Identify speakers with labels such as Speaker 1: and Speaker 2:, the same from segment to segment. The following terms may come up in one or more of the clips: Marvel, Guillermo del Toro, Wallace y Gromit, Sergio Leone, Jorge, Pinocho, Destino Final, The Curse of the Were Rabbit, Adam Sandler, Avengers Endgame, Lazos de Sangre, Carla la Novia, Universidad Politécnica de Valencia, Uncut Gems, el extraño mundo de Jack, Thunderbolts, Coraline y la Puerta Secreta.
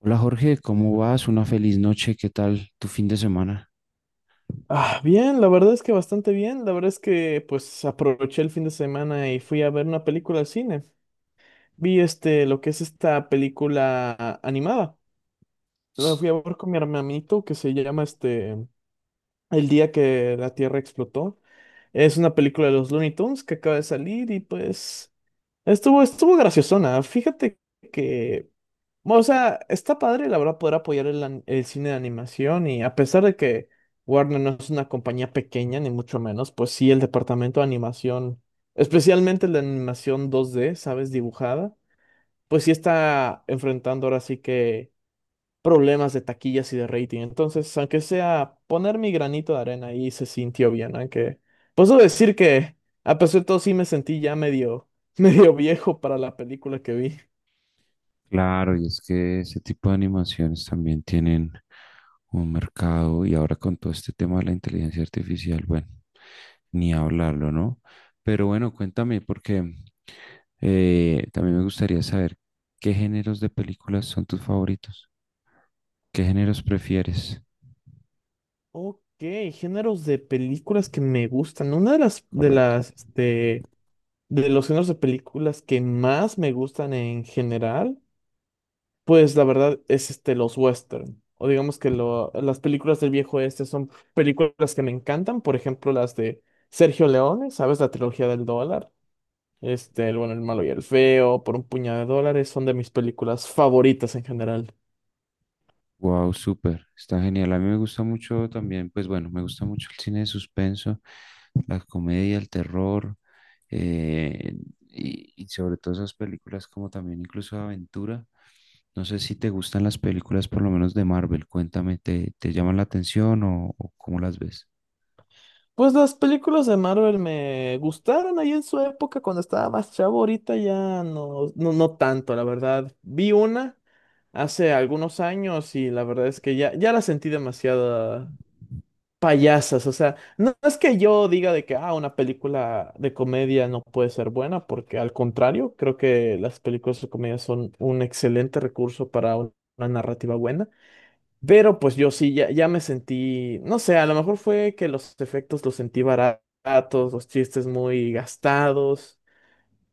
Speaker 1: Hola Jorge, ¿cómo vas? Una feliz noche, ¿qué tal tu fin de semana?
Speaker 2: Ah, bien, la verdad es que bastante bien. La verdad es que pues aproveché el fin de semana y fui a ver una película al cine. Vi este, lo que es esta película animada. La fui a ver con mi hermanito que se llama este El día que la Tierra explotó. Es una película de los Looney Tunes que acaba de salir y pues Estuvo graciosona. Fíjate que, o sea, está padre, la verdad, poder apoyar el cine de animación, y a pesar de que Warner no es una compañía pequeña, ni mucho menos, pues sí, el departamento de animación, especialmente la animación dos d, ¿sabes? Dibujada, pues sí está enfrentando ahora sí que problemas de taquillas y de rating. Entonces, aunque sea poner mi granito de arena ahí se sintió bien, aunque puedo decir que a pesar de todo sí me sentí ya medio, medio viejo para la película que vi.
Speaker 1: Claro, y es que ese tipo de animaciones también tienen un mercado y ahora con todo este tema de la inteligencia artificial, bueno, ni hablarlo, ¿no? Pero bueno, cuéntame, porque también me gustaría saber qué géneros de películas son tus favoritos, qué géneros prefieres,
Speaker 2: Ok, géneros de películas que me gustan. Una de las de
Speaker 1: correcto.
Speaker 2: las este, de los géneros de películas que más me gustan en general. Pues la verdad es este los western, o digamos que las películas del viejo este son películas que me encantan, por ejemplo las de Sergio Leone, ¿sabes? La trilogía del dólar, este, el bueno, el malo y el feo, por un puñado de dólares, son de mis películas favoritas en general.
Speaker 1: Wow, súper, está genial. A mí me gusta mucho también, pues bueno, me gusta mucho el cine de suspenso, la comedia, el terror, eh, y sobre todo esas películas como también incluso de aventura. No sé si te gustan las películas por lo menos de Marvel, cuéntame, ¿te llaman la atención o cómo las ves?
Speaker 2: Pues las películas de Marvel me gustaron ahí en su época cuando estaba más chavo, ahorita ya no, no tanto, la verdad. Vi una hace algunos años y la verdad es que ya la sentí demasiado payasas. O sea, no es que yo diga de que ah, una película de comedia no puede ser buena, porque al contrario, creo que las películas de comedia son un excelente recurso para una narrativa buena. Pero pues yo sí, ya, ya me sentí, no sé, a lo mejor fue que los efectos los sentí baratos, los chistes muy gastados.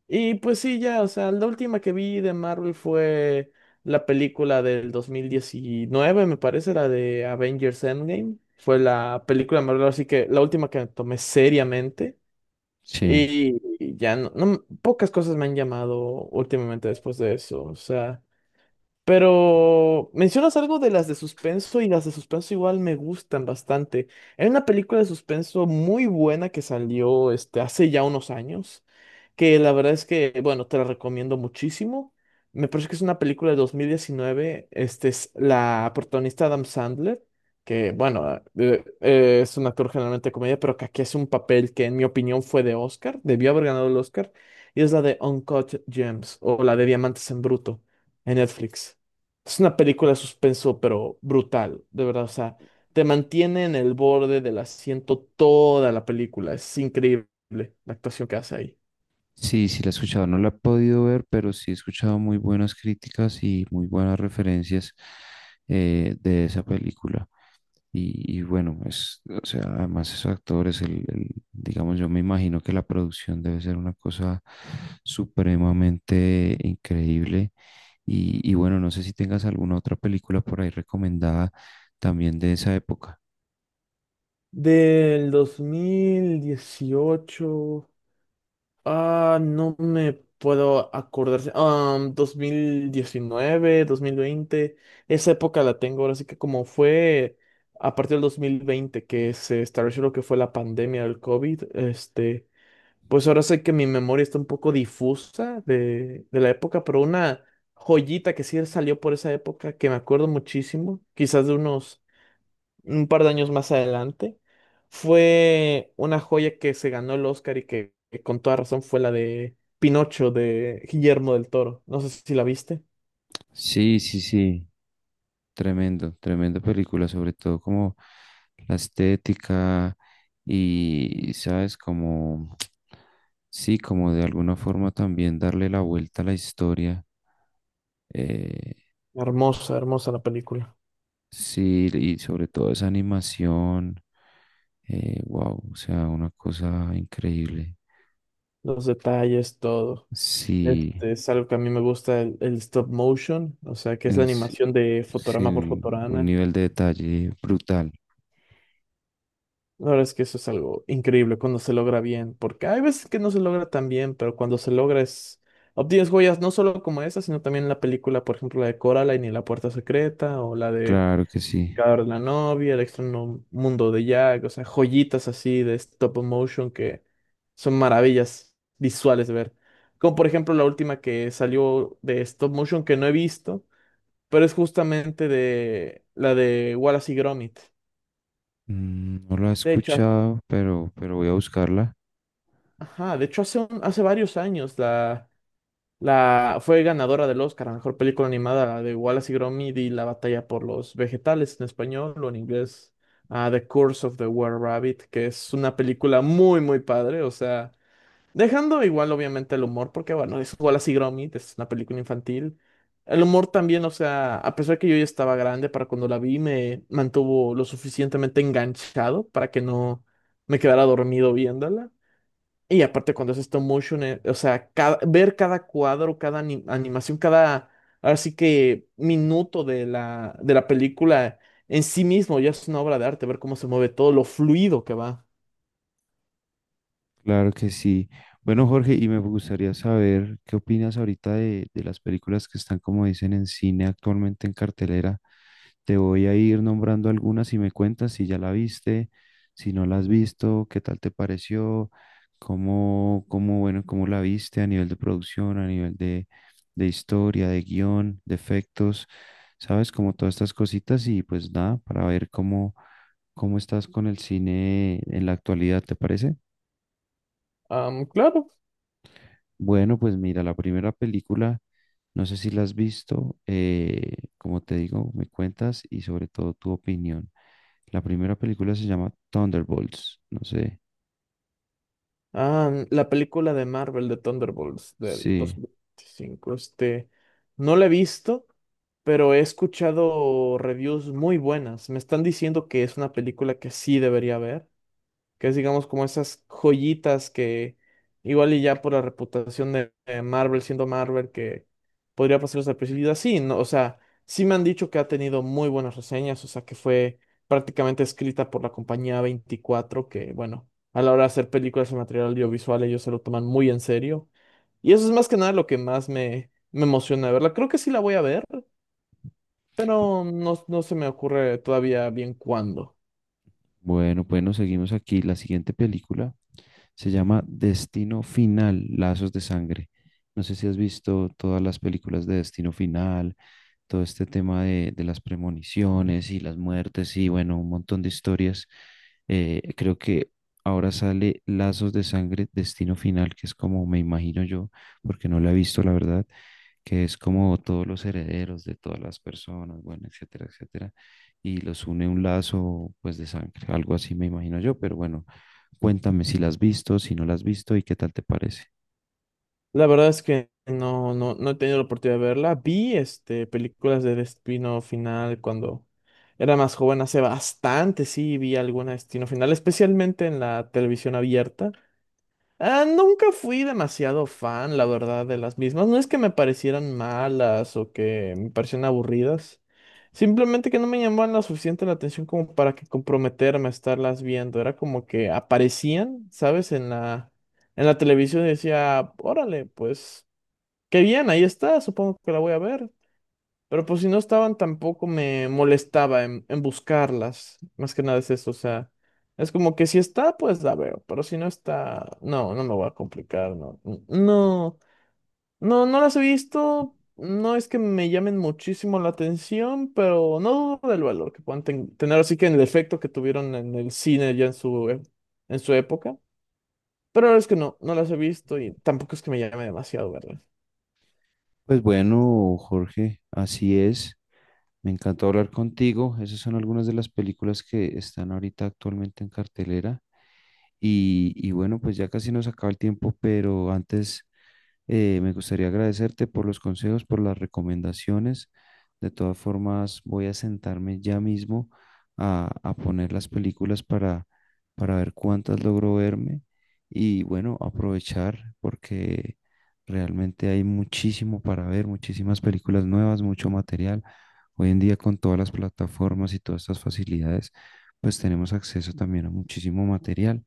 Speaker 2: Y pues sí, ya, o sea, la última que vi de Marvel fue la película del 2019 me parece, la de Avengers Endgame. Fue la película de Marvel, así que la última que tomé seriamente.
Speaker 1: Sí,
Speaker 2: Y ya pocas cosas me han llamado últimamente después de eso. O sea, pero mencionas algo de las de suspenso y las de suspenso igual me gustan bastante. Hay una película de suspenso muy buena que salió este, hace ya unos años, que la verdad es que, bueno, te la recomiendo muchísimo. Me parece que es una película de 2019. Este es la protagonista Adam Sandler, que, bueno, es un actor generalmente de comedia, pero que aquí hace un papel que, en mi opinión, fue de Oscar, debió haber ganado el Oscar, y es la de Uncut Gems o la de Diamantes en Bruto en Netflix. Es una película de suspenso, pero brutal, de verdad. O sea, te mantiene en el borde del asiento toda la película. Es increíble la actuación que hace ahí.
Speaker 1: sí, sí la he escuchado, no la he podido ver, pero sí he escuchado muy buenas críticas y muy buenas referencias de esa película. Y bueno, es, o sea, además esos actores, digamos, yo me imagino que la producción debe ser una cosa supremamente increíble. Y bueno, no sé si tengas alguna otra película por ahí recomendada también de esa época.
Speaker 2: Del 2018. Ah, no me puedo acordar. Ah, 1019, 2020. Esa época la tengo ahora, sí que como fue a partir del 2020 que se estableció lo que fue la pandemia del COVID, este. Pues ahora sé que mi memoria está un poco difusa de la época, pero una joyita que sí salió por esa época, que me acuerdo muchísimo, quizás de unos un par de años más adelante, fue una joya que se ganó el Oscar y que con toda razón fue la de Pinocho de Guillermo del Toro. No sé si la viste.
Speaker 1: Sí, sí, sí. Tremendo, tremenda película, sobre todo como la estética y, ¿sabes? Como, sí, como de alguna forma también darle la vuelta a la historia. eh,
Speaker 2: Hermosa, hermosa la película.
Speaker 1: sí, y sobre todo esa animación. Wow, o sea, una cosa increíble.
Speaker 2: Los detalles, todo.
Speaker 1: Sí,
Speaker 2: Este es algo que a mí me gusta, el stop motion, o sea, que es la
Speaker 1: en sí,
Speaker 2: animación de
Speaker 1: sí,
Speaker 2: fotograma por
Speaker 1: un
Speaker 2: fotograma.
Speaker 1: nivel de detalle brutal.
Speaker 2: La verdad es que eso es algo increíble cuando se logra bien, porque hay veces que no se logra tan bien, pero cuando se logra es... Obtienes joyas no solo como esa, sino también la película, por ejemplo, la de Coraline y la Puerta Secreta, o la de
Speaker 1: Claro que sí.
Speaker 2: Carla la Novia, el extraño mundo de Jack, o sea, joyitas así de stop motion que son maravillas visuales de ver. Como por ejemplo la última que salió de stop motion que no he visto, pero es justamente de la de Wallace y Gromit.
Speaker 1: Mm, no la he
Speaker 2: De hecho,
Speaker 1: escuchado, pero voy a buscarla.
Speaker 2: ajá, de hecho hace, hace varios años la fue ganadora del Oscar a Mejor Película Animada, la de Wallace y Gromit y La Batalla por los Vegetales en español, o en inglés, ah, The Curse of the Were Rabbit, que es una película muy, muy padre, o sea, dejando igual obviamente el humor, porque bueno, es Wallace y Gromit, es una película infantil. El humor también, o sea, a pesar que yo ya estaba grande para cuando la vi, me mantuvo lo suficientemente enganchado para que no me quedara dormido viéndola. Y aparte cuando es stop motion, o sea, ver cada cuadro, cada animación, cada, ahora sí que minuto de la película en sí mismo ya es una obra de arte, ver cómo se mueve todo, lo fluido que va.
Speaker 1: Claro que sí. Bueno, Jorge, y me gustaría saber qué opinas ahorita de las películas que están, como dicen, en cine actualmente en cartelera. Te voy a ir nombrando algunas y me cuentas si ya la viste, si no la has visto, qué tal te pareció, cómo, cómo, bueno, cómo la viste a nivel de producción, a nivel de historia, de guión, de efectos, sabes, como todas estas cositas y pues nada, para ver cómo, cómo estás con el cine en la actualidad, ¿te parece?
Speaker 2: Am, claro,
Speaker 1: Bueno, pues mira, la primera película, no sé si la has visto, como te digo, me cuentas y sobre todo tu opinión. La primera película se llama Thunderbolts, no sé.
Speaker 2: am, la película de Marvel de Thunderbolts del
Speaker 1: Sí,
Speaker 2: 2025, este, no la he visto, pero he escuchado reviews muy buenas. Me están diciendo que es una película que sí debería ver, que es digamos como esas joyitas que igual y ya por la reputación de Marvel, siendo Marvel, que podría pasar desapercibido, sí, ¿no? O sea, sí me han dicho que ha tenido muy buenas reseñas, o sea, que fue prácticamente escrita por la compañía 24, que bueno, a la hora de hacer películas en material audiovisual ellos se lo toman muy en serio. Y eso es más que nada lo que más me, me emociona de verla. Creo que sí la voy a ver, pero no, no se me ocurre todavía bien cuándo.
Speaker 1: bueno, bueno, seguimos aquí. La siguiente película se llama Destino Final, Lazos de Sangre. No sé si has visto todas las películas de Destino Final, todo este tema de las premoniciones y las muertes y bueno, un montón de historias. Creo que ahora sale Lazos de Sangre, Destino Final, que es como me imagino yo, porque no la he visto, la verdad, que es como todos los herederos de todas las personas, bueno, etcétera, etcétera, y los une un lazo pues de sangre, algo así me imagino yo, pero bueno, cuéntame si la has visto, si no la has visto y qué tal te parece.
Speaker 2: La verdad es que no he tenido la oportunidad de verla. Vi este, películas de Destino Final cuando era más joven, hace bastante, sí, vi alguna de Destino Final, especialmente en la televisión abierta. Ah, nunca fui demasiado fan, la verdad, de las mismas. No es que me parecieran malas o que me parecieran aburridas. Simplemente que no me llamaban la suficiente la atención como para que comprometerme a estarlas viendo. Era como que aparecían, ¿sabes? En la televisión y decía, órale, pues, qué bien, ahí está, supongo que la voy a ver. Pero pues si no estaban tampoco me molestaba en buscarlas. Más que nada es eso, o sea, es como que si está, pues la veo, pero si no está, no, no me voy a complicar, no. No las he visto, no es que me llamen muchísimo la atención, pero no dudo del valor que puedan tener, así que en el efecto que tuvieron en el cine ya en en su época. Pero la verdad es que no, no las he visto y tampoco es que me llame demasiado, ¿verdad?
Speaker 1: Pues bueno, Jorge, así es. Me encantó hablar contigo. Esas son algunas de las películas que están ahorita actualmente en cartelera. Y bueno, pues ya casi nos acaba el tiempo, pero antes me gustaría agradecerte por los consejos, por las recomendaciones. De todas formas, voy a sentarme ya mismo a poner las películas para ver cuántas logro verme y bueno, aprovechar porque realmente hay muchísimo para ver, muchísimas películas nuevas, mucho material. Hoy en día con todas las plataformas y todas estas facilidades, pues tenemos acceso también a muchísimo material.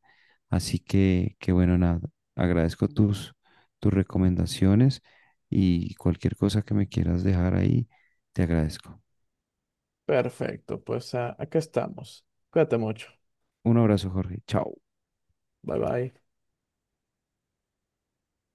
Speaker 1: Así que bueno, nada, agradezco tus tus recomendaciones y cualquier cosa que me quieras dejar ahí, te agradezco.
Speaker 2: Perfecto, pues ah, acá estamos. Cuídate mucho.
Speaker 1: Un abrazo, Jorge. Chao.
Speaker 2: Bye bye.